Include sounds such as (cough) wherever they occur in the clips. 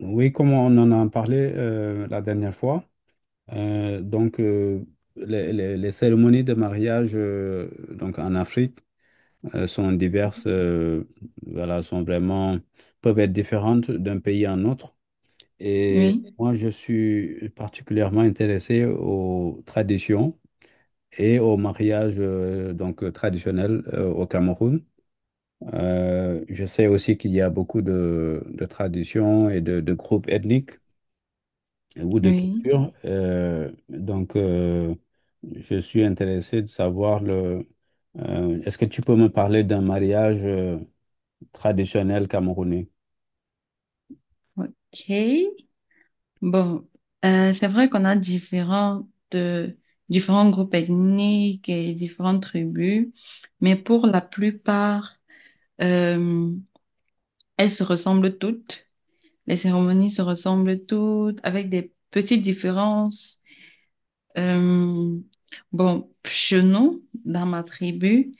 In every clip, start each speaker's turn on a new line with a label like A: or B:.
A: Oui, comme on en a parlé la dernière fois, euh, donc euh, les cérémonies de mariage donc en Afrique sont diverses, voilà, sont vraiment peuvent être différentes d'un pays à un autre. Et
B: Oui,
A: moi, je suis particulièrement intéressé aux traditions et au mariage donc traditionnel au Cameroun. Je sais aussi qu'il y a beaucoup de traditions et de groupes ethniques. Ou de
B: oui,
A: culture. Je suis intéressé de savoir le. Est-ce que tu peux me parler d'un mariage traditionnel camerounais?
B: ok. Bon, c'est vrai qu'on a euh, différents groupes ethniques et différentes tribus, mais pour la plupart, euh, elles se ressemblent toutes. Les cérémonies se ressemblent toutes, avec des petites différences. Euh, bon, chez nous, dans ma tribu,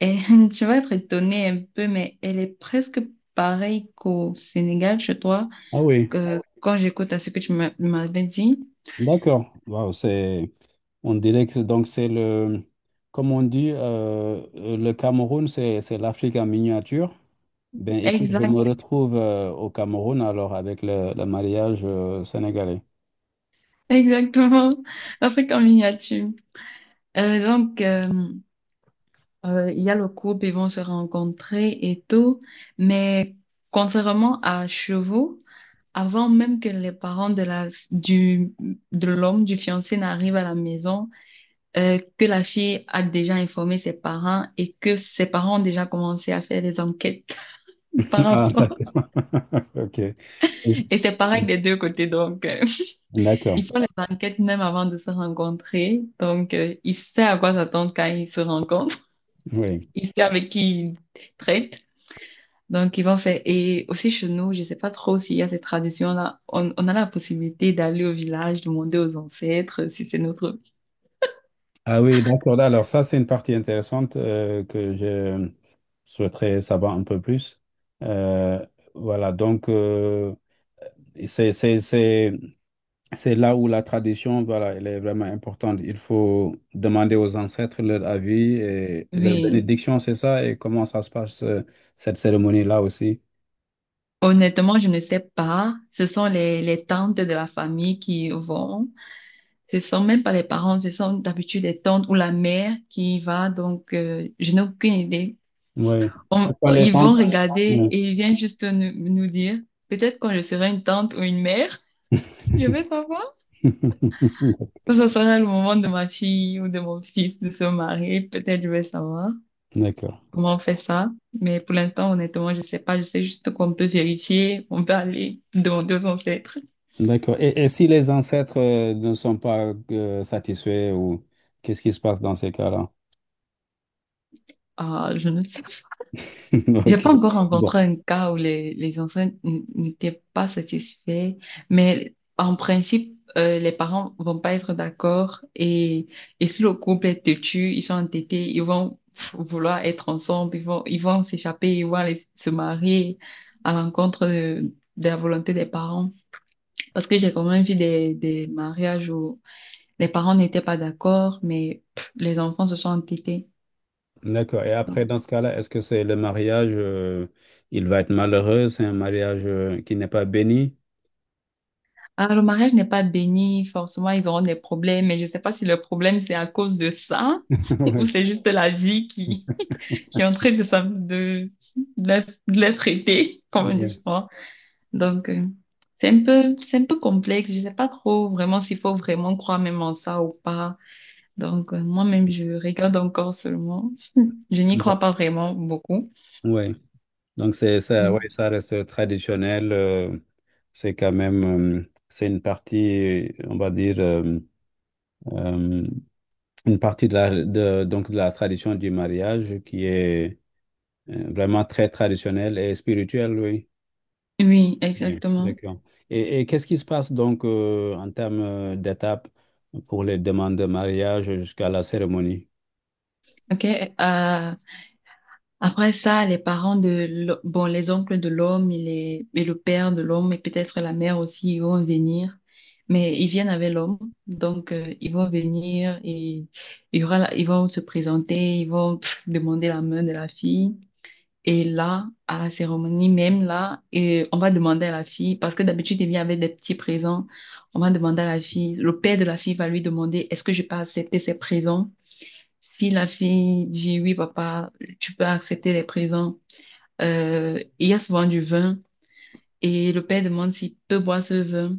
B: et (laughs) tu vas être étonnée un peu, mais elle est presque pareille qu'au Sénégal, chez toi,
A: Ah oui,
B: que quand j'écoute à ce que m'avais dit.
A: d'accord. Wow, c'est. On dirait que donc c'est le. Comme on dit, le Cameroun, c'est l'Afrique en miniature. Ben écoute, je me
B: Exact,
A: retrouve au Cameroun alors avec le mariage sénégalais.
B: exactement. (laughs) Afrique en miniature. Euh, donc, euh, il y a le couple, ils vont se rencontrer et tout, mais contrairement à chez vous, avant même que les parents de l'homme, du fiancé n'arrivent à la maison, que la fille a déjà informé ses parents et que ses parents ont déjà commencé à faire des enquêtes (laughs) par
A: (laughs) Ah,
B: rapport.
A: d'accord. (laughs) Ok.
B: Et c'est pareil des deux côtés, (laughs)
A: D'accord.
B: ils font les enquêtes même avant de se rencontrer. Il sait à quoi s'attendre quand ils se rencontrent,
A: Oui.
B: (laughs) il sait avec qui il traite. Donc ils vont faire. Et aussi chez nous, je sais pas trop s'il y a cette tradition-là. On a la possibilité d'aller au village, demander aux ancêtres si c'est notre.
A: Ah oui, d'accord. Alors ça, c'est une partie intéressante que je souhaiterais savoir un peu plus. Euh, voilà, donc euh, c'est, c'est, c'est- C'est là où la tradition, voilà, elle est vraiment importante. Il faut demander aux ancêtres leur avis et leur
B: Oui,
A: bénédiction, c'est ça, et comment ça se passe, cette cérémonie-là aussi.
B: honnêtement, je ne sais pas. Ce sont les tantes de la famille qui vont. Ce sont même pas les parents, ce sont d'habitude les tantes ou la mère qui y va. Donc, je n'ai aucune idée.
A: Oui.
B: On-
A: Pourquoi les
B: ils vont
A: temples?
B: regarder
A: Ouais.
B: et ils viennent juste nous dire, peut-être quand je serai une tante ou une mère, je vais savoir.
A: (laughs)
B: Quand ce sera le moment de ma fille ou de mon fils de se marier, peut-être je vais savoir
A: D'accord.
B: comment on fait ça. Mais pour l'instant, honnêtement, je sais pas. Je sais juste qu'on peut vérifier, on peut aller demander aux ancêtres.
A: D'accord. Et si les ancêtres ne sont pas satisfaits ou qu'est-ce qui se passe dans ces cas-là?
B: Ah, je ne sais.
A: (laughs)
B: J'ai
A: Ok.
B: pas encore
A: Bon.
B: rencontré un cas où les enfants n'étaient pas satisfaits, mais en principe, les parents vont pas être d'accord et si le couple est têtu, ils sont entêtés, ils vont vouloir être ensemble, ils vont s'échapper, ils vont aller se marier à l'encontre de la volonté des parents. Parce que j'ai quand même vu des mariages où les parents n'étaient pas d'accord, mais pff, les enfants se sont entêtés.
A: D'accord. Et après, dans ce cas-là, est-ce que c'est le mariage, il va être malheureux, c'est un mariage qui n'est pas béni?
B: Ah, le mariage n'est pas béni, forcément ils auront des problèmes, mais je sais pas si le problème c'est à cause de ça
A: (laughs)
B: (laughs) ou
A: Ouais.
B: c'est juste la vie qui, (laughs) qui est en train de, s'am- de, la- de les traiter, comme on dit
A: Ouais.
B: souvent. Donc euh, c'est un peu complexe, je sais pas trop vraiment s'il faut vraiment croire même en ça ou pas. Moi-même je regarde encore seulement, je n'y
A: Ouais.
B: crois pas vraiment beaucoup.
A: Ouais. Donc c'est ça, ouais,
B: Oui,
A: ça reste traditionnel. C'est quand même, c'est une partie, on va dire, euh, une partie de la, de, donc de la tradition du mariage qui est vraiment très traditionnelle et spirituelle, oui.
B: oui,
A: Oui,
B: exactement.
A: d'accord. Et qu'est-ce qui se passe donc en termes d'étapes pour les demandes de mariage jusqu'à la cérémonie?
B: Ok, après ça, les parents bon, les oncles de l'homme et le père de l'homme et peut-être la mère aussi, ils vont venir. Mais ils viennent avec l'homme, ils vont venir et il y aura ils vont se présenter, ils vont pff, demander la main de la fille. Et là, à la cérémonie, même là, et on va demander à la fille, parce que d'habitude, il vient avec des petits présents, on va demander à la fille, le père de la fille va lui demander, est-ce que je peux accepter ces présents? Si la fille dit oui, papa, tu peux accepter les présents, il y a souvent du vin et le père demande s'il peut boire ce vin.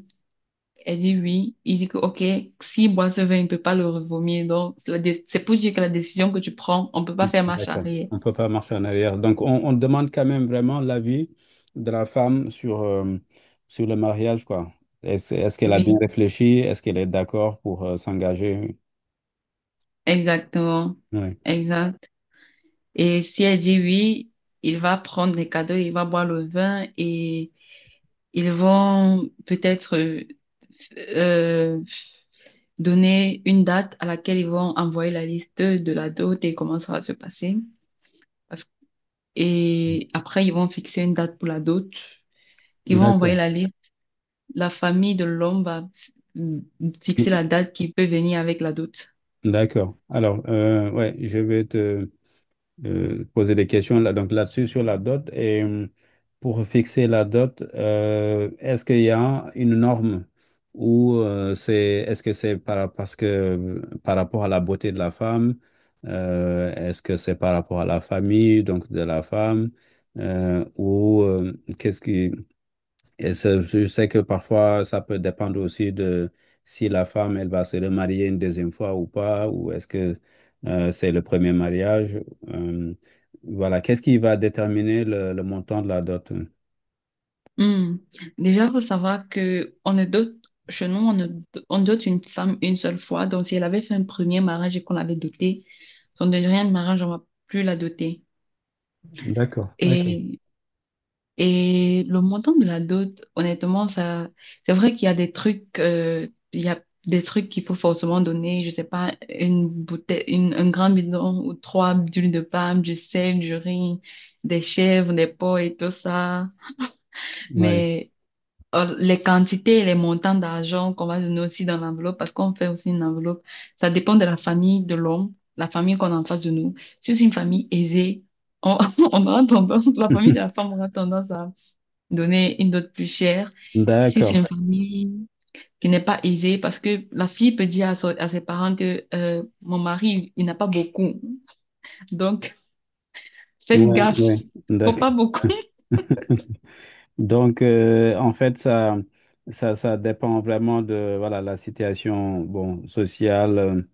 B: Elle dit oui. Il dit que, OK, s'il boit ce vin, il ne peut pas le revomir. Donc, c'est pour dire que la décision que tu prends, on ne peut pas faire marche
A: D'accord.
B: arrière.
A: On ne peut pas marcher en arrière. Donc, on demande quand même vraiment l'avis de la femme sur, sur le mariage, quoi. Est-ce qu'elle a bien
B: Oui,
A: réfléchi? Est-ce qu'elle est d'accord pour s'engager?
B: exactement.
A: Oui.
B: Exact. Et si elle dit oui, il va prendre les cadeaux, il va boire le vin et ils vont peut-être euh, donner une date à laquelle ils vont envoyer la liste de la dot et comment ça va se passer. Parce- et après, ils vont fixer une date pour la dot. Ils vont envoyer
A: D'accord.
B: la liste. La famille de l'homme va mm, fixer la date qui peut venir avec la dot.
A: D'accord. Alors, ouais, je vais te, poser des questions là, donc là-dessus sur la dot. Et pour fixer la dot, est-ce qu'il y a une norme ou c'est est-ce que c'est par, parce que par rapport à la beauté de la femme, est-ce que c'est par rapport à la famille donc de la femme ou qu'est-ce qui et ça, je sais que parfois, ça peut dépendre aussi de si la femme, elle va se remarier une deuxième fois ou pas, ou est-ce que c'est le premier mariage. Euh, voilà, qu'est-ce qui va déterminer le montant de la dot?
B: Hmm. Déjà, faut savoir que on ne dote, chez nous, on ne, on dote une femme une seule fois. Donc, si elle avait fait un premier mariage et qu'on l'avait dotée, son deuxième mariage, on va plus la doter.
A: D'accord, d'accord.
B: Et Et le montant de la dot, honnêtement, ça, c'est vrai qu'il y a des trucs, il y a des trucs qu'il faut forcément donner, je sais pas, une bouteille, un grand bidon ou trois d'huile de palme, du sel, du riz, des chèvres, des pots et tout ça.
A: Oui.
B: Mais les quantités et les montants d'argent qu'on va donner aussi dans l'enveloppe, parce qu'on fait aussi une enveloppe, ça dépend de la famille de l'homme, la famille qu'on a en face de nous. Si c'est une famille aisée, on, (laughs) on aura tendance, la famille de la
A: (laughs)
B: femme aura tendance à donner une dot plus chère. Et si c'est
A: D'accord.
B: une famille qui n'est pas aisée, parce que la fille peut dire à ses parents que mon mari, il n'a pas beaucoup. Donc, faites
A: Oui,
B: gaffe.
A: oui,
B: Faut
A: d'accord.
B: pas beaucoup. (laughs)
A: (laughs) Donc, en fait, ça dépend vraiment de voilà, la situation bon, sociale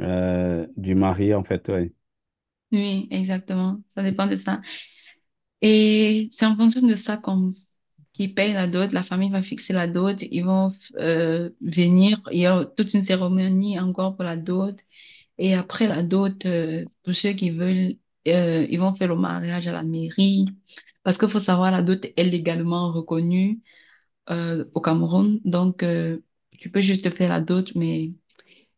A: du mari, en fait. Ouais.
B: Oui, exactement. Ça dépend de ça. Et c'est en fonction de ça qu'on qui paye la dot, la famille va fixer la dot, ils vont venir, il y a toute une cérémonie encore pour la dot. Et après la dot, pour ceux qui veulent, ils vont faire le mariage à la mairie. Parce qu'il faut savoir, la dot est légalement reconnue au Cameroun. Donc, tu peux juste faire la dot, mais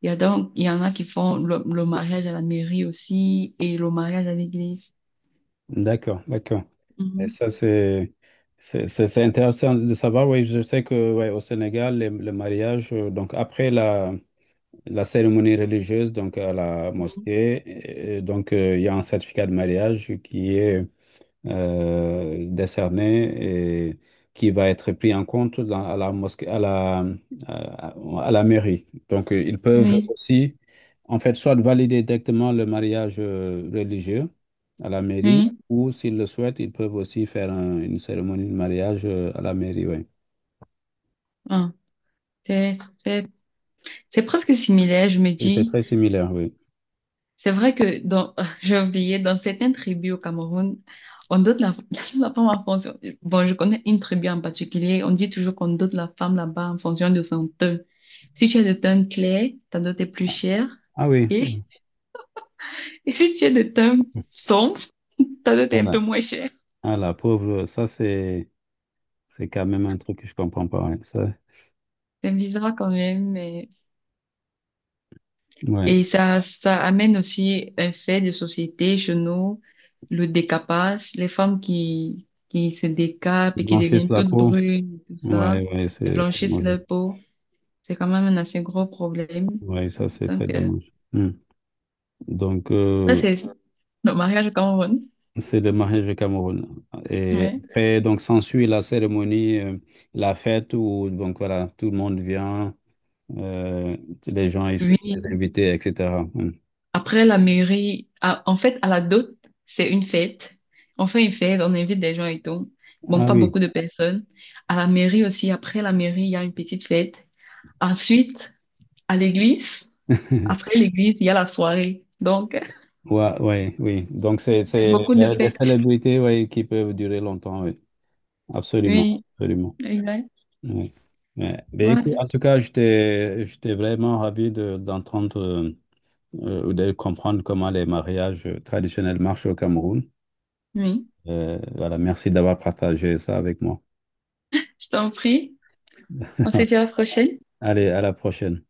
B: il y en a qui font le mariage à la mairie aussi et le mariage à l'église.
A: D'accord, d'accord. Et
B: Mhm.
A: ça, c'est c'est intéressant de savoir. Oui, je sais que ouais, au Sénégal, le mariage, donc après la, la cérémonie religieuse, donc à la
B: Mhm.
A: mosquée, et donc il y a un certificat de mariage qui est décerné et qui va être pris en compte dans- à la mosquée, à, à la mairie. Donc, ils peuvent
B: Oui,
A: aussi, en fait, soit valider directement le mariage religieux à la mairie,
B: oui.
A: ou s'ils le souhaitent, ils peuvent aussi faire une cérémonie de mariage à la mairie, oui.
B: Ah, c'est, c'est, c'est presque similaire, je me
A: Et c'est
B: dis.
A: très similaire, oui.
B: C'est vrai que dans, (laughs) j'ai oublié, dans certaines tribus au Cameroun, on donne la, (laughs) la femme en fonction. Bon, je connais une tribu en particulier. On dit toujours qu'on donne la femme là-bas en fonction de son teint. Si tu es de teint clair, ta dot est plus chère.
A: Ah oui,
B: Et, (laughs) et si tu es de teint sombre, (laughs) ta dot est un peu
A: voilà.
B: moins chère.
A: Ah la pauvre, ça c'est quand même un truc que je comprends pas. Ouais. Ça,
B: C'est bizarre quand même, mais
A: ouais.
B: et ça amène aussi un fait de société chez nous, le décapage, les femmes qui se décapent
A: Ils
B: et qui
A: blanchissent
B: deviennent
A: la
B: toutes
A: peau.
B: brunes, et tout ça,
A: Ouais, ouais,
B: et
A: c'est
B: blanchissent
A: mauvais.
B: leur peau. C'est quand même un assez gros problème.
A: Oui, ça c'est très
B: Donc,
A: dommage. Hmm. Donc,
B: ça, c'est le mariage au Cameroun.
A: c'est le mariage au Cameroun. Et
B: Mais
A: après, donc, s'ensuit la cérémonie, la fête où, donc, voilà, tout le monde vient, euh, les gens, ils les
B: oui,
A: invités, etc. Hmm.
B: après la mairie, en fait, à la dot, c'est une fête. On fait une fête, on invite des gens et tout. Bon,
A: Ah
B: pas
A: oui,
B: beaucoup de personnes. À la mairie aussi, après la mairie, il y a une petite fête. Ensuite, à l'église.
A: (laughs)
B: Après l'église, il y a la soirée. Donc, (laughs) il
A: ouais, ouais, oui. Donc,
B: y a
A: c'est
B: beaucoup de
A: des
B: fêtes.
A: célébrités, ouais, qui peuvent durer longtemps, oui. Absolument,
B: Oui,
A: absolument.
B: exact.
A: Oui. Mais
B: Voilà.
A: écoute, en tout cas, j'étais vraiment ravi de- d'entendre. Ou de comprendre comment les mariages traditionnels marchent au Cameroun.
B: Oui,
A: Voilà, merci d'avoir partagé ça avec moi.
B: je t'en prie. On se dit à la prochaine.
A: (laughs) Allez, à la prochaine.